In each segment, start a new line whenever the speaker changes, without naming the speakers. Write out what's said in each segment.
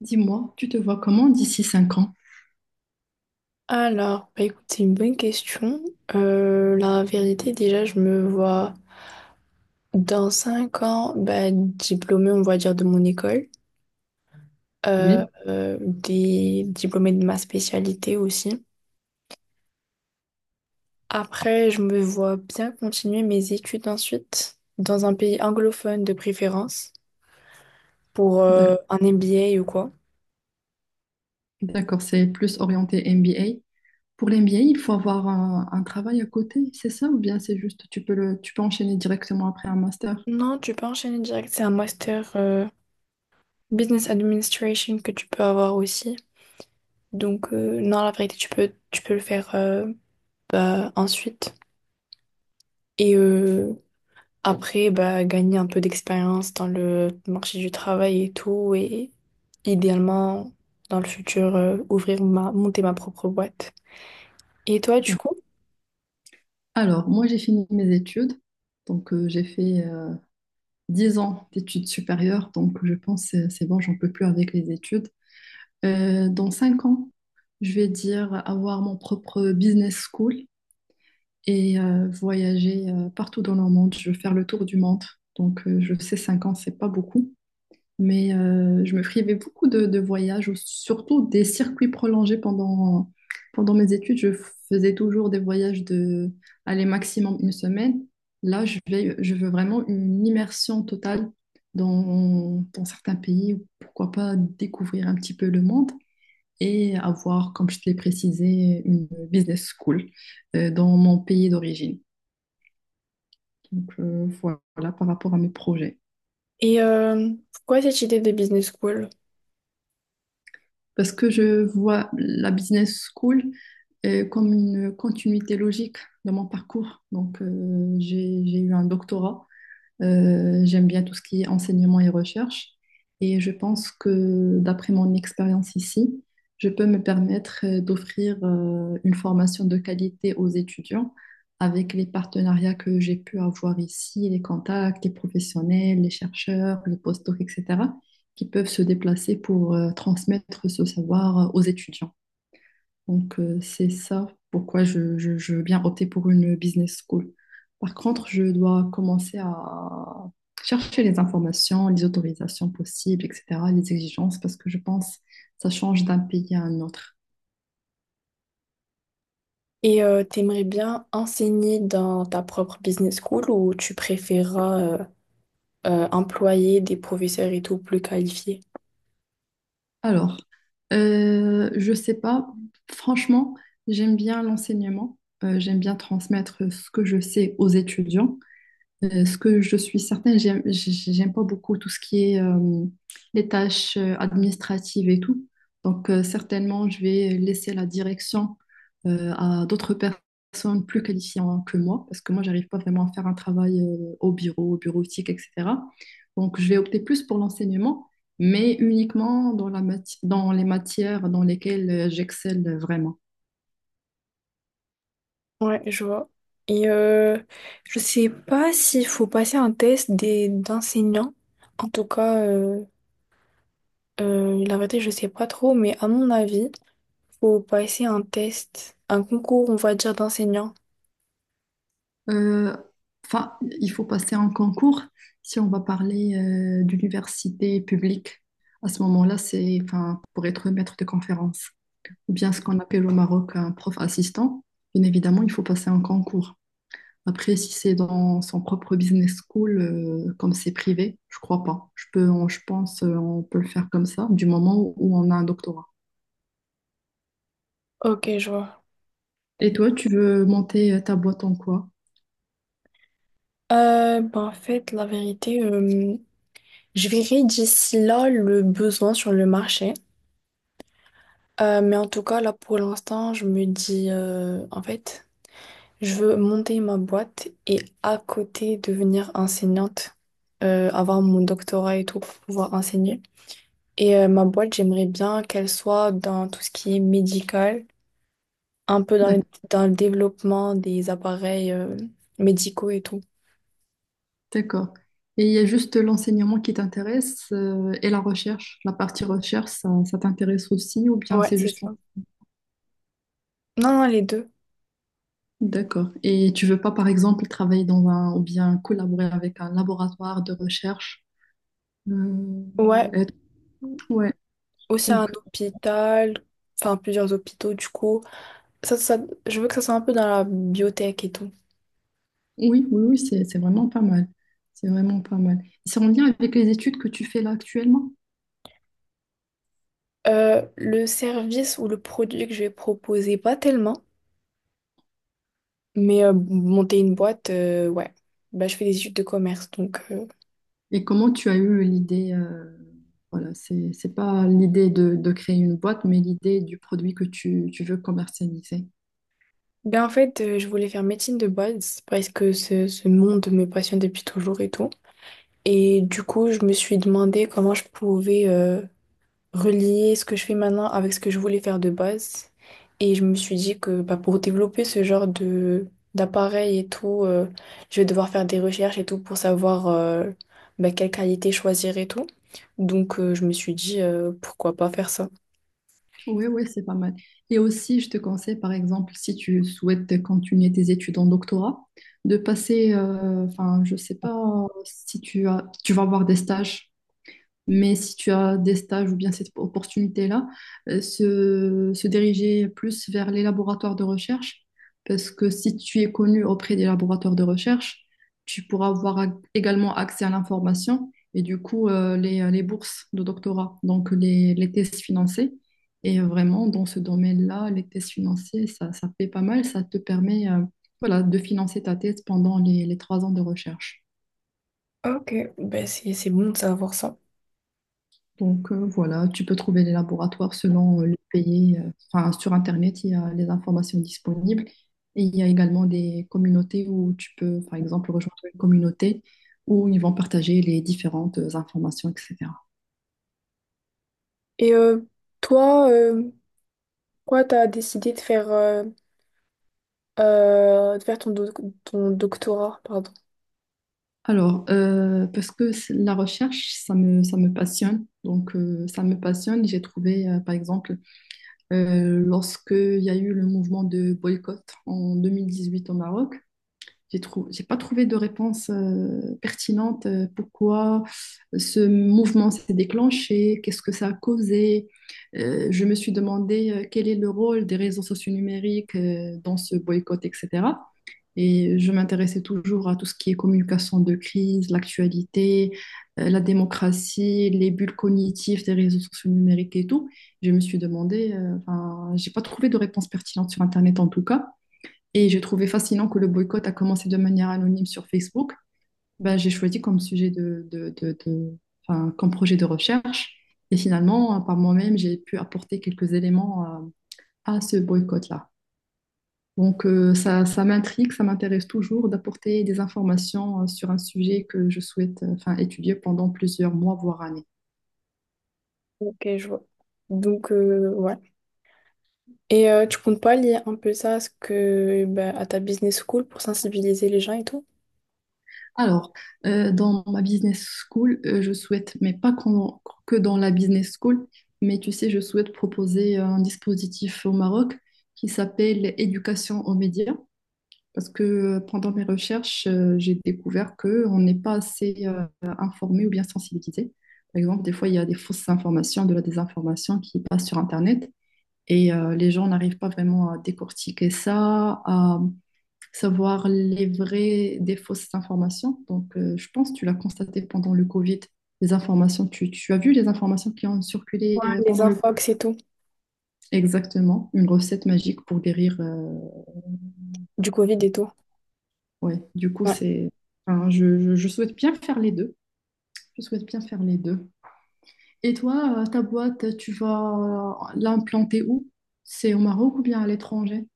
Dis-moi, tu te vois comment d'ici 5 ans?
Alors, bah écoute, c'est une bonne question. La vérité, déjà, je me vois dans 5 ans, bah, diplômée, on va dire, de mon école, euh,
Oui,
des diplômée de ma spécialité aussi. Après, je me vois bien continuer mes études ensuite, dans un pays anglophone de préférence, pour
d'ac-
un MBA ou quoi.
d'accord, c'est plus orienté MBA. Pour l'MBA, il faut avoir un travail à côté, c'est ça? Ou bien c'est juste, tu peux tu peux enchaîner directement après un master?
Non, tu peux enchaîner direct, c'est un master business administration que tu peux avoir aussi. Donc, non, la vérité, tu peux le faire. Ensuite. Et après, bah, gagner un peu d'expérience dans le marché du travail et tout. Et idéalement, dans le futur, monter ma propre boîte. Et toi, du
D'ac-
coup?
Alors, moi, j'ai fini mes études. Donc, j'ai fait 10 ans d'études supérieures. Donc, je pense que c'est bon, j'en peux plus avec les études. Dans 5 ans, je vais dire avoir mon propre business school, et voyager partout dans le monde. Je veux faire le tour du monde. Donc, je sais, 5 ans, c'est pas beaucoup, mais je me privais beaucoup de voyages, ou surtout des circuits prolongés pendant mes études. Je faisais toujours des voyages aller maximum une semaine. Là, je veux vraiment une immersion totale dans certains pays, ou pourquoi pas découvrir un petit peu le monde et avoir, comme je te l'ai précisé, une business school dans mon pays d'origine. Donc voilà, par rapport à mes projets.
Et pourquoi cette idée de business school?
Parce que je vois la business school comme une continuité logique de mon parcours. Donc j'ai eu un doctorat. J'aime bien tout ce qui est enseignement et recherche. Et je pense que d'après mon expérience ici, je peux me permettre d'offrir une formation de qualité aux étudiants avec les partenariats que j'ai pu avoir ici, les contacts, les professionnels, les chercheurs, les postdocs, etc., qui peuvent se déplacer pour transmettre ce savoir aux étudiants. Donc, c'est ça pourquoi je veux bien opter pour une business school. Par contre, je dois commencer à chercher les informations, les autorisations possibles, etc., les exigences, parce que je pense que ça change d'un pays à un autre.
Et t'aimerais bien enseigner dans ta propre business school ou tu préféreras employer des professeurs et tout plus qualifiés?
Alors, je sais pas, franchement, j'aime bien l'enseignement, j'aime bien transmettre ce que je sais aux étudiants. Ce que je suis certaine, j'aime pas beaucoup tout ce qui est les tâches administratives et tout. Donc, certainement, je vais laisser la direction à d'autres personnes plus qualifiées que moi, parce que moi, j'arrive pas vraiment à faire un travail au bureau, au bureautique, etc. Donc, je vais opter plus pour l'enseignement, mais uniquement dans dans les matières dans lesquelles j'excelle vraiment.
Ouais, je vois. Et je sais pas s'il faut passer un test des d'enseignants. En tout cas, la vérité, je sais pas trop, mais à mon avis, faut passer un test, un concours, on va dire, d'enseignants.
Euh, enfin, il faut passer un concours si on va parler d'université publique. À ce moment-là, c'est, enfin, pour être maître de conférence, ou bien ce qu'on appelle au Maroc un prof assistant. Bien évidemment, il faut passer un concours. Après, si c'est dans son propre business school, comme c'est privé, je crois pas. Je pense, on peut le faire comme ça, du moment où on a un doctorat.
Ok, je vois.
Et toi, tu veux monter ta boîte en quoi?
Ben, en fait, la vérité, je verrai d'ici là le besoin sur le marché. Mais en tout cas, là pour l'instant, je me dis, en fait, je veux monter ma boîte et à côté devenir enseignante, avoir mon doctorat et tout pour pouvoir enseigner. Et ma boîte, j'aimerais bien qu'elle soit dans tout ce qui est médical, un peu dans
D'accord.
dans le développement des appareils, médicaux et tout.
D'accord. Et il y a juste l'enseignement qui t'intéresse et la recherche. La partie recherche, ça t'intéresse aussi ou bien
Ouais,
c'est
c'est
juste...
ça. Non, non, les deux.
D'accord. Et tu veux pas, par exemple, travailler dans un... ou bien collaborer avec un laboratoire de recherche, euh,
Ouais,
être- ouais.
aussi un
Donc,
hôpital, enfin plusieurs hôpitaux du coup. ça, ça- je veux que ça soit un peu dans la biotech et tout.
oui, oui, oui, c'est vraiment pas mal. C'est vraiment pas mal. C'est en lien avec les études que tu fais là actuellement.
Le service ou le produit que je vais proposer, pas tellement, mais monter une boîte, ouais. Bah, je fais des études de commerce, donc
Et comment tu as eu l'idée... Voilà, c'est pas l'idée de créer une boîte, mais l'idée du produit que tu veux commercialiser.
ben, en fait, je voulais faire médecine de base parce que ce monde me passionne depuis toujours et tout. Et du coup, je me suis demandé comment je pouvais relier ce que je fais maintenant avec ce que je voulais faire de base. Et je me suis dit que bah, pour développer ce genre de d'appareil et tout, je vais devoir faire des recherches et tout pour savoir bah, quelle qualité choisir et tout. Donc je me suis dit pourquoi pas faire ça.
Oui, oui, c'est pas mal. Et aussi, je te conseille, par exemple, si tu souhaites continuer tes études en doctorat, de passer, je sais pas si tu vas avoir des stages, mais si tu as des stages ou bien cette opportunité-là, se diriger plus vers les laboratoires de recherche, parce que si tu es connu auprès des laboratoires de recherche, tu pourras avoir également accès à l'information et du coup les bourses de doctorat, donc les thèses financées. Et vraiment, dans ce domaine-là, les thèses financées, ça paie pas mal, ça te permet voilà, de financer ta thèse pendant les 3 ans de recherche.
Ok, bah, c'est bon de savoir ça.
Donc voilà, tu peux trouver les laboratoires selon le pays. Enfin, sur Internet, il y a les informations disponibles. Et il y a également des communautés où tu peux, par exemple, rejoindre une communauté où ils vont partager les différentes informations, etc.
Et toi, pourquoi t'as décidé de faire ton doctorat, pardon.
Alors, parce que la recherche, ça me passionne. Donc, ça me passionne. J'ai trouvé, par exemple, lorsque il y a eu le mouvement de boycott en 2018 au Maroc, j'ai pas trouvé de réponse pertinente. Pourquoi ce mouvement s'est déclenché? Qu'est-ce que ça a causé? Je me suis demandé quel est le rôle des réseaux sociaux numériques dans ce boycott, etc. Et je m'intéressais toujours à tout ce qui est communication de crise, l'actualité, la démocratie, les bulles cognitives des réseaux sociaux numériques et tout. Je me suis demandé, j'ai pas trouvé de réponse pertinente sur Internet en tout cas. Et j'ai trouvé fascinant que le boycott a commencé de manière anonyme sur Facebook. Ben, j'ai choisi comme sujet comme projet de recherche. Et finalement, par moi-même, j'ai pu apporter quelques éléments à ce boycott-là. Donc, ça m'intrigue, ça m'intéresse toujours d'apporter des informations sur un sujet que je souhaite, étudier pendant plusieurs mois, voire années.
Ok, je vois. Donc ouais. Et tu comptes pas lier un peu ça à, ce que, bah, à ta business school pour sensibiliser les gens et tout?
Alors, dans ma business school, je souhaite, mais pas qu'en- que dans la business school, mais tu sais, je souhaite proposer un dispositif au Maroc qui s'appelle éducation aux médias, parce que pendant mes recherches, j'ai découvert qu'on n'est pas assez informé ou bien sensibilisé. Par exemple, des fois, il y a des fausses informations, de la désinformation qui passe sur Internet et les gens n'arrivent pas vraiment à décortiquer ça, savoir les vraies des fausses informations. Donc, je pense que tu l'as constaté pendant le Covid, les informations, tu as vu les informations qui ont circulé
Ouais, les
pendant le...
infox et tout,
Exactement, une recette magique pour guérir.
du Covid et tout.
Ouais, du coup,
Ouais.
c'est... enfin, je souhaite bien faire les deux. Je souhaite bien faire les deux. Et toi, ta boîte, tu vas l'implanter où? C'est au Maroc ou bien à l'étranger?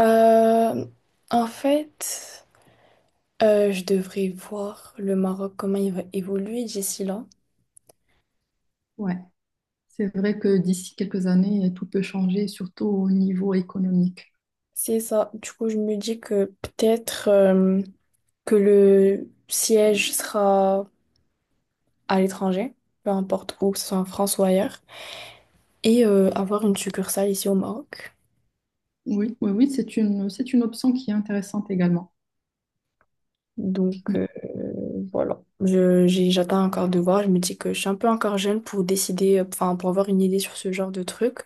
Euh, En fait, je devrais voir le Maroc, comment il va évoluer d'ici là.
Ouais, c'est vrai que d'ici quelques années, tout peut changer, surtout au niveau économique.
C'est ça. Du coup, je me dis que peut-être que le siège sera à l'étranger, peu importe où, que ce soit en France ou ailleurs, et avoir une succursale ici au Maroc.
Oui, oui, oui, c'est une option qui est intéressante également.
Donc voilà, j'attends encore de voir. Je me dis que je suis un peu encore jeune pour décider, enfin pour avoir une idée sur ce genre de truc.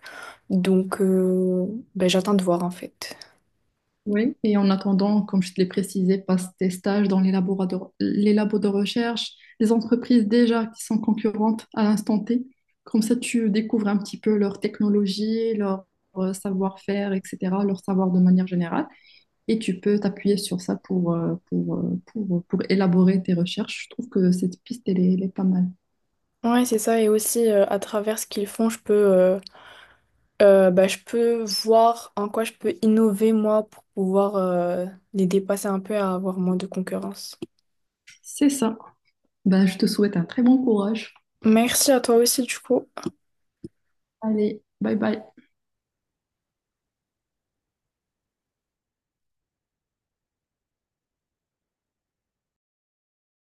Donc ben, j'attends de voir en fait.
Oui, et en attendant, comme je te l'ai précisé, passe tes stages dans les labos de recherche, les entreprises déjà qui sont concurrentes à l'instant T. Comme ça, tu découvres un petit peu leur technologie, leur savoir-faire, etc., leur savoir de manière générale. Et tu peux t'appuyer sur ça pour élaborer tes recherches. Je trouve que cette piste, elle est pas mal.
Ouais, c'est ça. Et aussi à travers ce qu'ils font, je peux bah, je peux voir en quoi je peux innover moi pour pouvoir les dépasser un peu et avoir moins de concurrence.
C'est ça. Ben, je te souhaite un très bon courage.
Merci à toi aussi du coup.
Allez, bye bye.